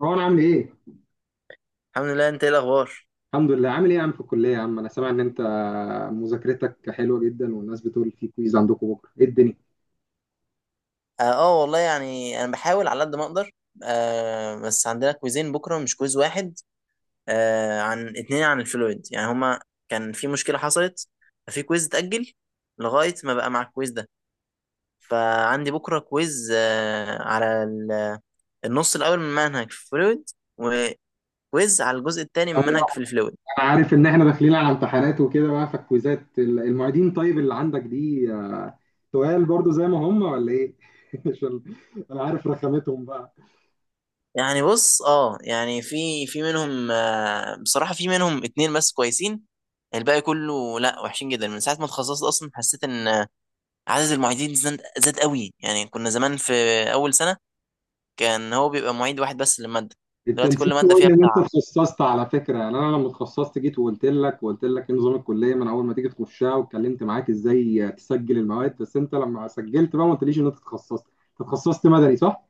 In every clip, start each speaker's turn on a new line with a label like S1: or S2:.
S1: روان عامل ايه؟
S2: الحمد لله. انت ايه الاخبار؟
S1: الحمد لله عامل ايه يا عم في الكلية يا عم؟ أنا سامع إن أنت مذاكرتك حلوة جدا والناس بتقول في كويز عندكم بكرة، إيه الدنيا؟
S2: اه، والله يعني انا بحاول على قد ما اقدر. بس عندنا كويزين بكره، مش كويز واحد. عن 2، عن الفلويد، يعني هما كان في مشكله حصلت، ففي كويز اتاجل لغايه ما بقى مع الكويز ده. فعندي بكره كويز على النص الاول من منهج في الفلويد، وكويز على الجزء الثاني من
S1: أيوة،
S2: منهج في الفلويد.
S1: أنا عارف إن إحنا داخلين على امتحانات وكده بقى فالكويزات المعيدين، طيب اللي عندك دي تقال برضو زي ما هم ولا إيه؟ عشان أنا عارف رخامتهم بقى.
S2: يعني بص. اه، يعني في منهم، بصراحة في منهم 2 بس كويسين. الباقي كله لا، وحشين جدا. من ساعة ما اتخصصت أصلا حسيت إن، عدد المعيدين زاد زاد قوي. يعني كنا زمان في أول سنة كان هو بيبقى معيد واحد بس للمادة.
S1: انت
S2: دلوقتي
S1: نسيت
S2: كل مادة
S1: تقول
S2: فيها
S1: لي ان انت
S2: بتاع.
S1: اتخصصت على فكره، يعني انا لما اتخصصت جيت وقلت لك ايه نظام الكليه من اول ما تيجي تخشها، واتكلمت معاك ازاي تسجل المواد، بس انت لما سجلت بقى ما قلتليش ان انت اتخصصت. انت اتخصصت مدني صح؟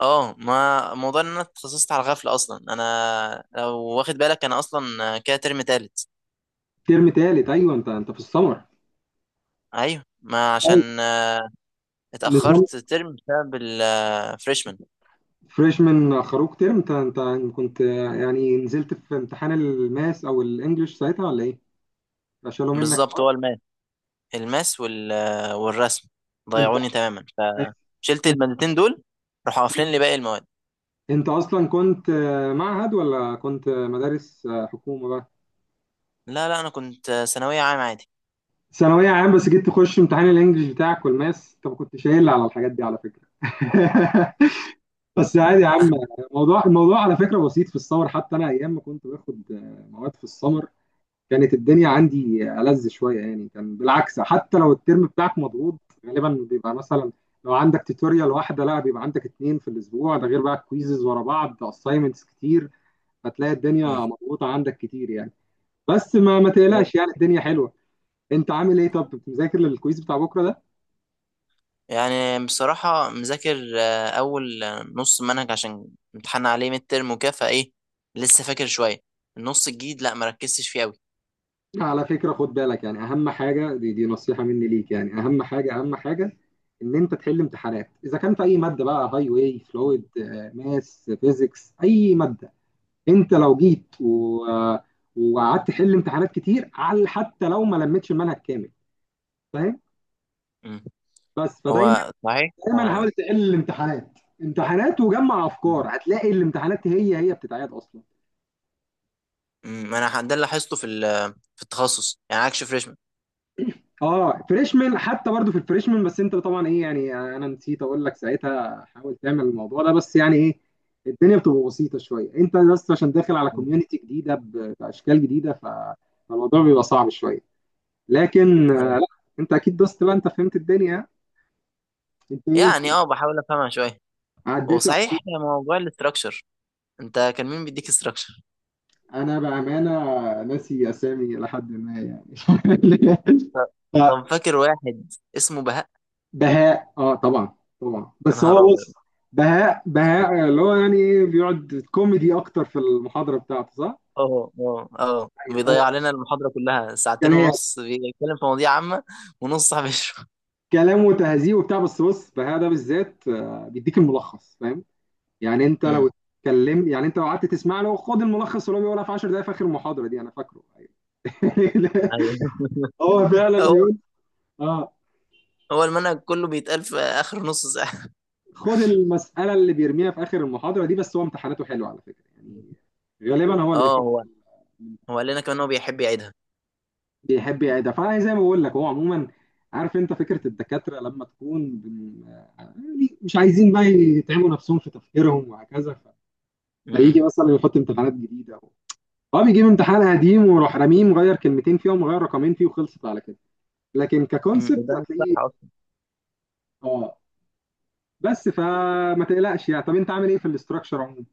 S2: اه، ما موضوع إن أنا اتخصصت على غفلة. أصلا أنا لو واخد بالك أنا أصلا كده ترم تالت.
S1: ترم تالت، ايوه انت في السمر.
S2: أيوه، ما
S1: ايوه
S2: عشان
S1: نظام
S2: اتأخرت ترم بسبب الفريشمان.
S1: فريشمان، خروج ترم. انت كنت يعني نزلت في امتحان الماس او الانجليش ساعتها ولا ايه؟ شالوا منك.
S2: بالظبط هو الماس. الماس والرسم
S1: انت
S2: ضيعوني تماما. فشلت المادتين دول، راحوا قافلين لي باقي المواد.
S1: انت اصلا كنت معهد ولا كنت مدارس حكومه بقى؟
S2: لا، لا، انا كنت ثانويه عام عادي.
S1: ثانوية عام بس جيت تخش امتحان الانجليش بتاعك والماس، انت ما كنتش قايل على الحاجات دي على فكرة. بس عادي يا عم. الموضوع على فكرة بسيط، في السمر حتى انا ايام ما كنت باخد مواد في السمر كانت الدنيا عندي ألذ شوية، يعني كان بالعكس. حتى لو الترم بتاعك مضغوط، غالبا بيبقى مثلا لو عندك توتوريال واحدة، لا، بيبقى عندك اتنين في الأسبوع، ده غير بقى كويزز ورا بعض، أسايمنتس كتير، فتلاقي الدنيا
S2: مم.
S1: مضغوطة عندك كتير يعني. بس ما تقلقش، يعني الدنيا حلوة. انت عامل ايه؟ طب كنت مذاكر للكويز بتاع بكره ده؟
S2: يعني بصراحه مذاكر، اول نص منهج عشان امتحان عليه ميد ترم وكده، فايه لسه فاكر شويه. النص الجديد لا، ما ركزتش فيه قوي.
S1: على فكره خد بالك، يعني اهم حاجه، دي نصيحه مني ليك، يعني اهم حاجه، اهم حاجه ان انت تحل امتحانات، اذا كان في اي ماده بقى، هاي واي، فلويد، ماس، فيزيكس، اي ماده، انت لو جيت و وقعدت تحل امتحانات كتير، على حتى لو ما لمتش المنهج كامل، فاهم؟
S2: مم.
S1: بس فدايما
S2: هو صحيح
S1: دايما حاول تحل الامتحانات، امتحانات وجمع افكار، هتلاقي الامتحانات هي بتتعاد اصلا.
S2: مم. انا ده اللي لاحظته في في التخصص، يعني عكس فريشمان.
S1: اه فريشمان، حتى برضو في الفريشمان، بس انت طبعا ايه يعني، انا نسيت اقول لك ساعتها حاول تعمل الموضوع ده، بس يعني ايه، الدنيا بتبقى بسيطه شويه، انت بس عشان داخل على
S2: مم.
S1: كوميونتي جديده باشكال جديده فالموضوع بيبقى صعب شويه، لكن
S2: أيوة.
S1: لا، انت اكيد دوست بقى، انت فهمت الدنيا، انت ايه
S2: يعني، اه، بحاول افهمها شويه. هو
S1: عديت.
S2: صحيح موضوع الاستراكشر، انت كان مين بيديك استراكشر؟
S1: انا بامانه ناسي اسامي لحد ما يعني
S2: طب فاكر واحد اسمه بهاء؟
S1: بهاء اه طبعا، طبعا،
S2: يا
S1: بس
S2: نهار
S1: هو بص،
S2: ابيض!
S1: بهاء اللي هو يعني ايه بيقعد كوميدي اكتر في المحاضره بتاعته صح؟
S2: اه، اه، اه،
S1: أيوة.
S2: بيضيع
S1: اه
S2: علينا المحاضره كلها ساعتين
S1: كلام
S2: ونص بيتكلم في مواضيع عامه ونص صاحب يشرح.
S1: كلام وتهذيب وبتاع، بس بص بهاء ده بالذات بيديك الملخص فاهم؟ يعني انت لو
S2: امم.
S1: اتكلمت، يعني انت لو قعدت تسمع له، خد الملخص اللي هو بيقولها في 10 دقائق في اخر المحاضره دي، انا فاكره. أيوة.
S2: ايوه.
S1: هو فعلا
S2: هو
S1: بيقول، اه،
S2: هو المنهج كله بيتقال في اخر نص ساعه.
S1: خد المساله اللي بيرميها في اخر المحاضره دي، بس هو امتحاناته حلوه على فكره يعني، غالبا هو اللي
S2: اه،
S1: بيحط،
S2: هو هو قال لنا كمان هو بيحب يعيدها.
S1: بيحب يعيدها، فانا زي ما بقول لك، هو عموما عارف، انت فكره الدكاتره لما تكون يعني مش عايزين بقى يتعبوا نفسهم في تفكيرهم وهكذا،
S2: امم.
S1: فيجي مثلا يحط امتحانات جديده، هو بيجيب امتحان قديم ويروح راميه مغير كلمتين فيه ومغير رقمين فيه وخلصت على كده، لكن
S2: أمم.
S1: ككونسبت
S2: ده صح
S1: هتلاقيه.
S2: اصلا.
S1: اه بس فما تقلقش يعني. طب انت عامل ايه في الاستراكشر عموما؟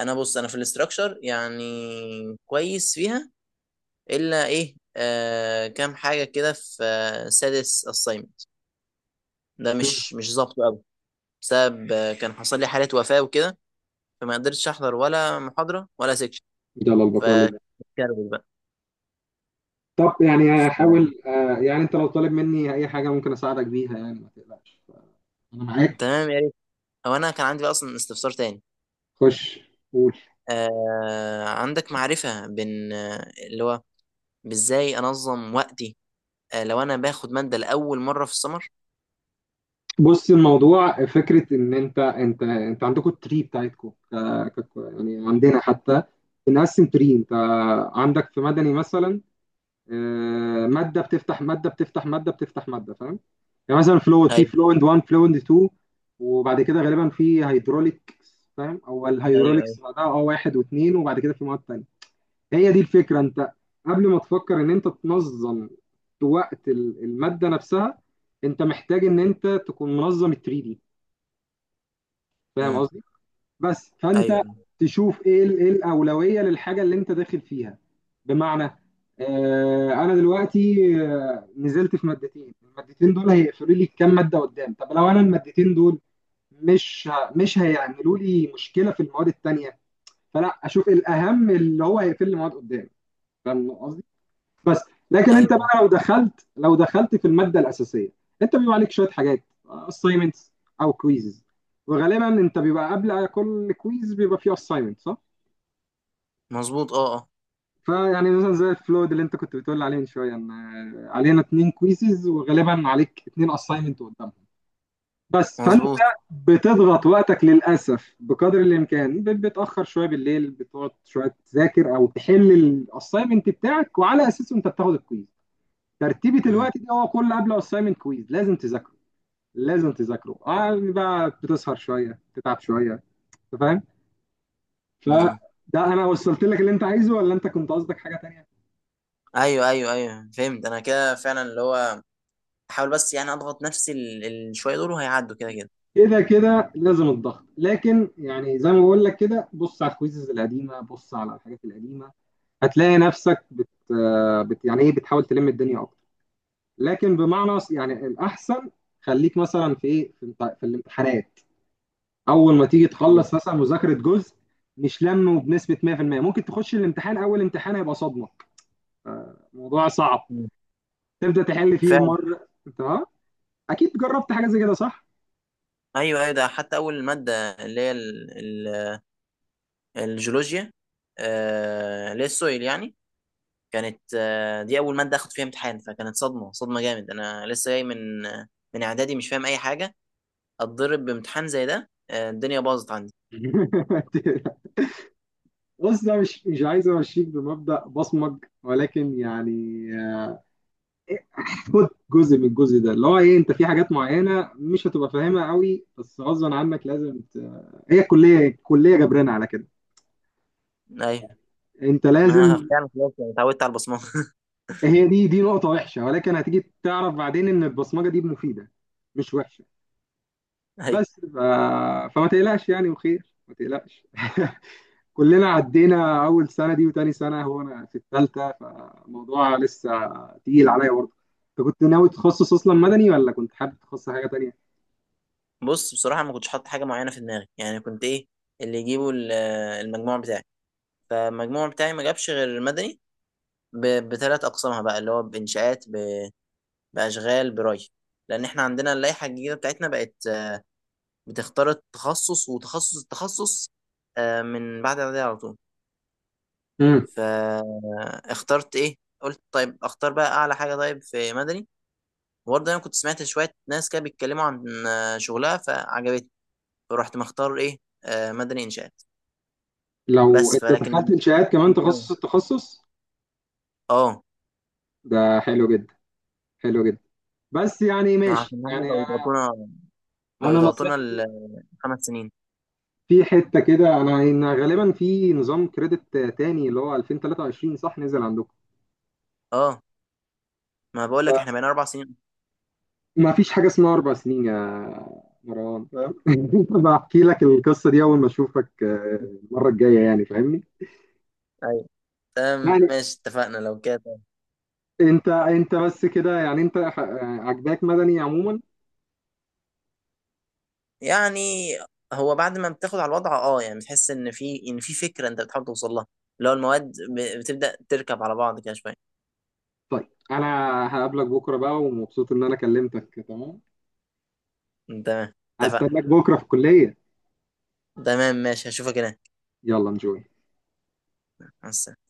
S2: انا بص، انا في الاستراكشر يعني كويس فيها. الا ايه، كام حاجه كده في سادس assignment ده
S1: مم.
S2: مش ظابط قوي. بسبب كان حصل لي حالة وفاة وكده، فما قدرتش احضر ولا محاضرة ولا سيكشن.
S1: يلا البقاء لله.
S2: فكربت بقى.
S1: طب يعني
S2: ف-
S1: هحاول يعني انت لو طالب مني اي حاجه ممكن اساعدك بيها، يعني ما تقلقش، انا معاك.
S2: تمام، يا ريت. هو انا كان عندي بقى اصلا استفسار تاني.
S1: خش قول.
S2: عندك معرفة بين، اللي هو بازاي انظم وقتي لو انا باخد مادة لأول مرة في السمر؟
S1: بص الموضوع فكرة، إن أنت عندكم التري بتاعتكم يعني
S2: مم.
S1: عندنا حتى بنقسم تري. أنت عندك في مدني مثلا مادة بتفتح مادة، بتفتح مادة، بتفتح مادة، فاهم؟ يعني مثلا فلويد، في
S2: ايوه،
S1: فلويد 1، فلويد 2، وبعد كده غالبا في هيدروليك، فاهم؟ أو
S2: ايوه، ايوه.
S1: الهيدروليكس بعدها، أه واحد واثنين، وبعد كده في مواد تانية. هي دي الفكرة. أنت قبل ما تفكر إن أنت تنظم وقت المادة نفسها، أنت محتاج إن أنت تكون منظم ال 3، فاهم
S2: امم.
S1: قصدي؟ بس
S2: ايوه،
S1: فانت
S2: ايوه.
S1: تشوف ايه ايه الاولويه للحاجه اللي انت داخل فيها، بمعنى آه انا دلوقتي نزلت في مادتين، المادتين دول هيقفلوا لي كام ماده قدام، طب لو انا المادتين دول مش هيعملوا لي مشكله في المواد التانيه، فلا اشوف الاهم اللي هو هيقفل لي مواد قدام، فاهم قصدي؟ بس لكن انت
S2: أيوة.
S1: بقى لو دخلت في الماده الاساسيه، انت بيبقى عليك شويه حاجات، assignments او كويزز، وغالبا انت بيبقى قبل كل كويز بيبقى فيه assignment صح؟
S2: مظبوط، اه، اه.
S1: فيعني مثلا زي الفلود اللي انت كنت بتقول عليه من شويه، ان علينا اتنين كويزز وغالبا عليك اتنين assignment قدامهم، بس فانت
S2: مظبوط.
S1: بتضغط وقتك للاسف بقدر الامكان، بتاخر شويه بالليل، بتقعد شويه تذاكر او تحل الاساينمنت بتاعك، وعلى اساسه انت بتاخد الكويز. ترتيبة
S2: امم.
S1: الوقت دي هو كل قبل اسايمنت كويز لازم تذاكره، لازم تذاكره، اه بقى بتسهر شويه تتعب شويه، انت فاهم؟
S2: امم،
S1: فده انا وصلت لك اللي انت عايزه ولا انت كنت قصدك حاجه تانية؟
S2: ايوه، ايوه، ايوه، فهمت انا كده فعلا اللي هو احاول بس يعني اضغط نفسي الشويه دول وهيعدوا كده كده.
S1: كده كده لازم الضغط، لكن يعني زي ما بقول لك، كده بص على الكويزز القديمه، بص على الحاجات القديمه، هتلاقي نفسك بت يعني ايه بتحاول تلم الدنيا اكتر، لكن بمعنى يعني الاحسن، خليك مثلا في ايه، في الامتحانات، اول ما تيجي
S2: مم.
S1: تخلص مثلا مذاكره جزء، مش لمه بنسبه 100%، ممكن تخش الامتحان، اول امتحان هيبقى صدمه، موضوع صعب،
S2: مم.
S1: تبدا تحل فيه
S2: فعلا.
S1: مره، تمام. اكيد جربت حاجه زي كده صح؟
S2: ايوه، ايوه. ده حتى اول ماده اللي هي الجيولوجيا، اللي هي السويل يعني. كانت دي اول ماده اخد فيها امتحان، فكانت صدمه صدمه جامد، انا لسه جاي من من اعدادي مش فاهم اي حاجه. اتضرب بامتحان زي ده، الدنيا باظت عندي.
S1: بص ده مش، مش عايز امشيك بمبدأ بصمج، ولكن يعني خد جزء من الجزء ده اللي هو ايه، انت في حاجات معينه مش هتبقى فاهمها قوي، بس غصبا عنك لازم هي الكليه جبرانه على كده،
S2: ايوه،
S1: انت
S2: ما انا
S1: لازم.
S2: فعلا خلاص يعني اتعودت على البصمه.
S1: هي دي نقطة وحشة، ولكن هتيجي تعرف بعدين إن البصمجة دي مفيدة، مش وحشة.
S2: ايوه.
S1: بس ف... فما تقلقش يعني، وخير ما تقلقش. كلنا عدينا أول سنة دي وتاني سنة، هو أنا في الثالثة، فالموضوع لسه تقيل عليا برضه. أنت كنت ناوي تخصص أصلا مدني ولا كنت حابب تخصص حاجة تانية؟
S2: بص، بصراحه ما كنتش حاطط حاجه معينه في دماغي، يعني كنت ايه؟ اللي يجيبوا المجموع بتاعي. فالمجموع بتاعي ما جابش غير المدني بثلاث أقسامها بقى، اللي هو بإنشاءات، بأشغال بري. لأن إحنا عندنا اللائحة الجديدة بتاعتنا بقت بتختار التخصص وتخصص التخصص من بعد إعدادية على طول.
S1: مم.
S2: فاخترت إيه؟ قلت طيب، أختار بقى أعلى حاجة، طيب في مدني. وبرضه أنا كنت سمعت شوية ناس كده بيتكلموا عن شغلها فعجبتني. فرحت مختار إيه؟ مدني إنشاءات.
S1: لو
S2: بس
S1: أنت دخلت
S2: فلكن
S1: إنشاءات كمان
S2: مش أوي.
S1: تخصص التخصص،
S2: اه.
S1: ده حلو جدا، حلو جدا، بس يعني
S2: ما
S1: ماشي.
S2: عشان هم
S1: يعني
S2: بقوا
S1: أنا،
S2: يضغطونا، بقوا
S1: أنا
S2: يضغطونا
S1: نصيحتي
S2: ال 5 سنين.
S1: في حتة كده، انا إن غالبا في نظام كريدت تاني اللي هو 2023 صح نزل عندكم؟
S2: اه، ما بقول لك احنا بقينا 4 سنين.
S1: ما فيش حاجة اسمها أربع سنين يا مروان، فاهم؟ بحكي لك القصة دي أول ما أشوفك المرة الجاية، يعني فاهمني؟
S2: ايوه، تمام،
S1: يعني
S2: ماشي، اتفقنا لو كده.
S1: أنت بس كده، يعني أنت ح- آه، عجباك مدني عموما؟
S2: يعني هو بعد ما بتاخد على الوضع، اه، يعني بتحس ان في فكره انت بتحاول توصل لها، اللي هو المواد بتبدا تركب على بعض كده شويه.
S1: طيب أنا هقابلك بكرة بقى، ومبسوط إن أنا كلمتك، تمام.
S2: تمام، اتفقنا.
S1: هستناك بكرة في الكلية.
S2: تمام، ماشي، هشوفك هناك.
S1: يلا نجوي.
S2: مع السلامة.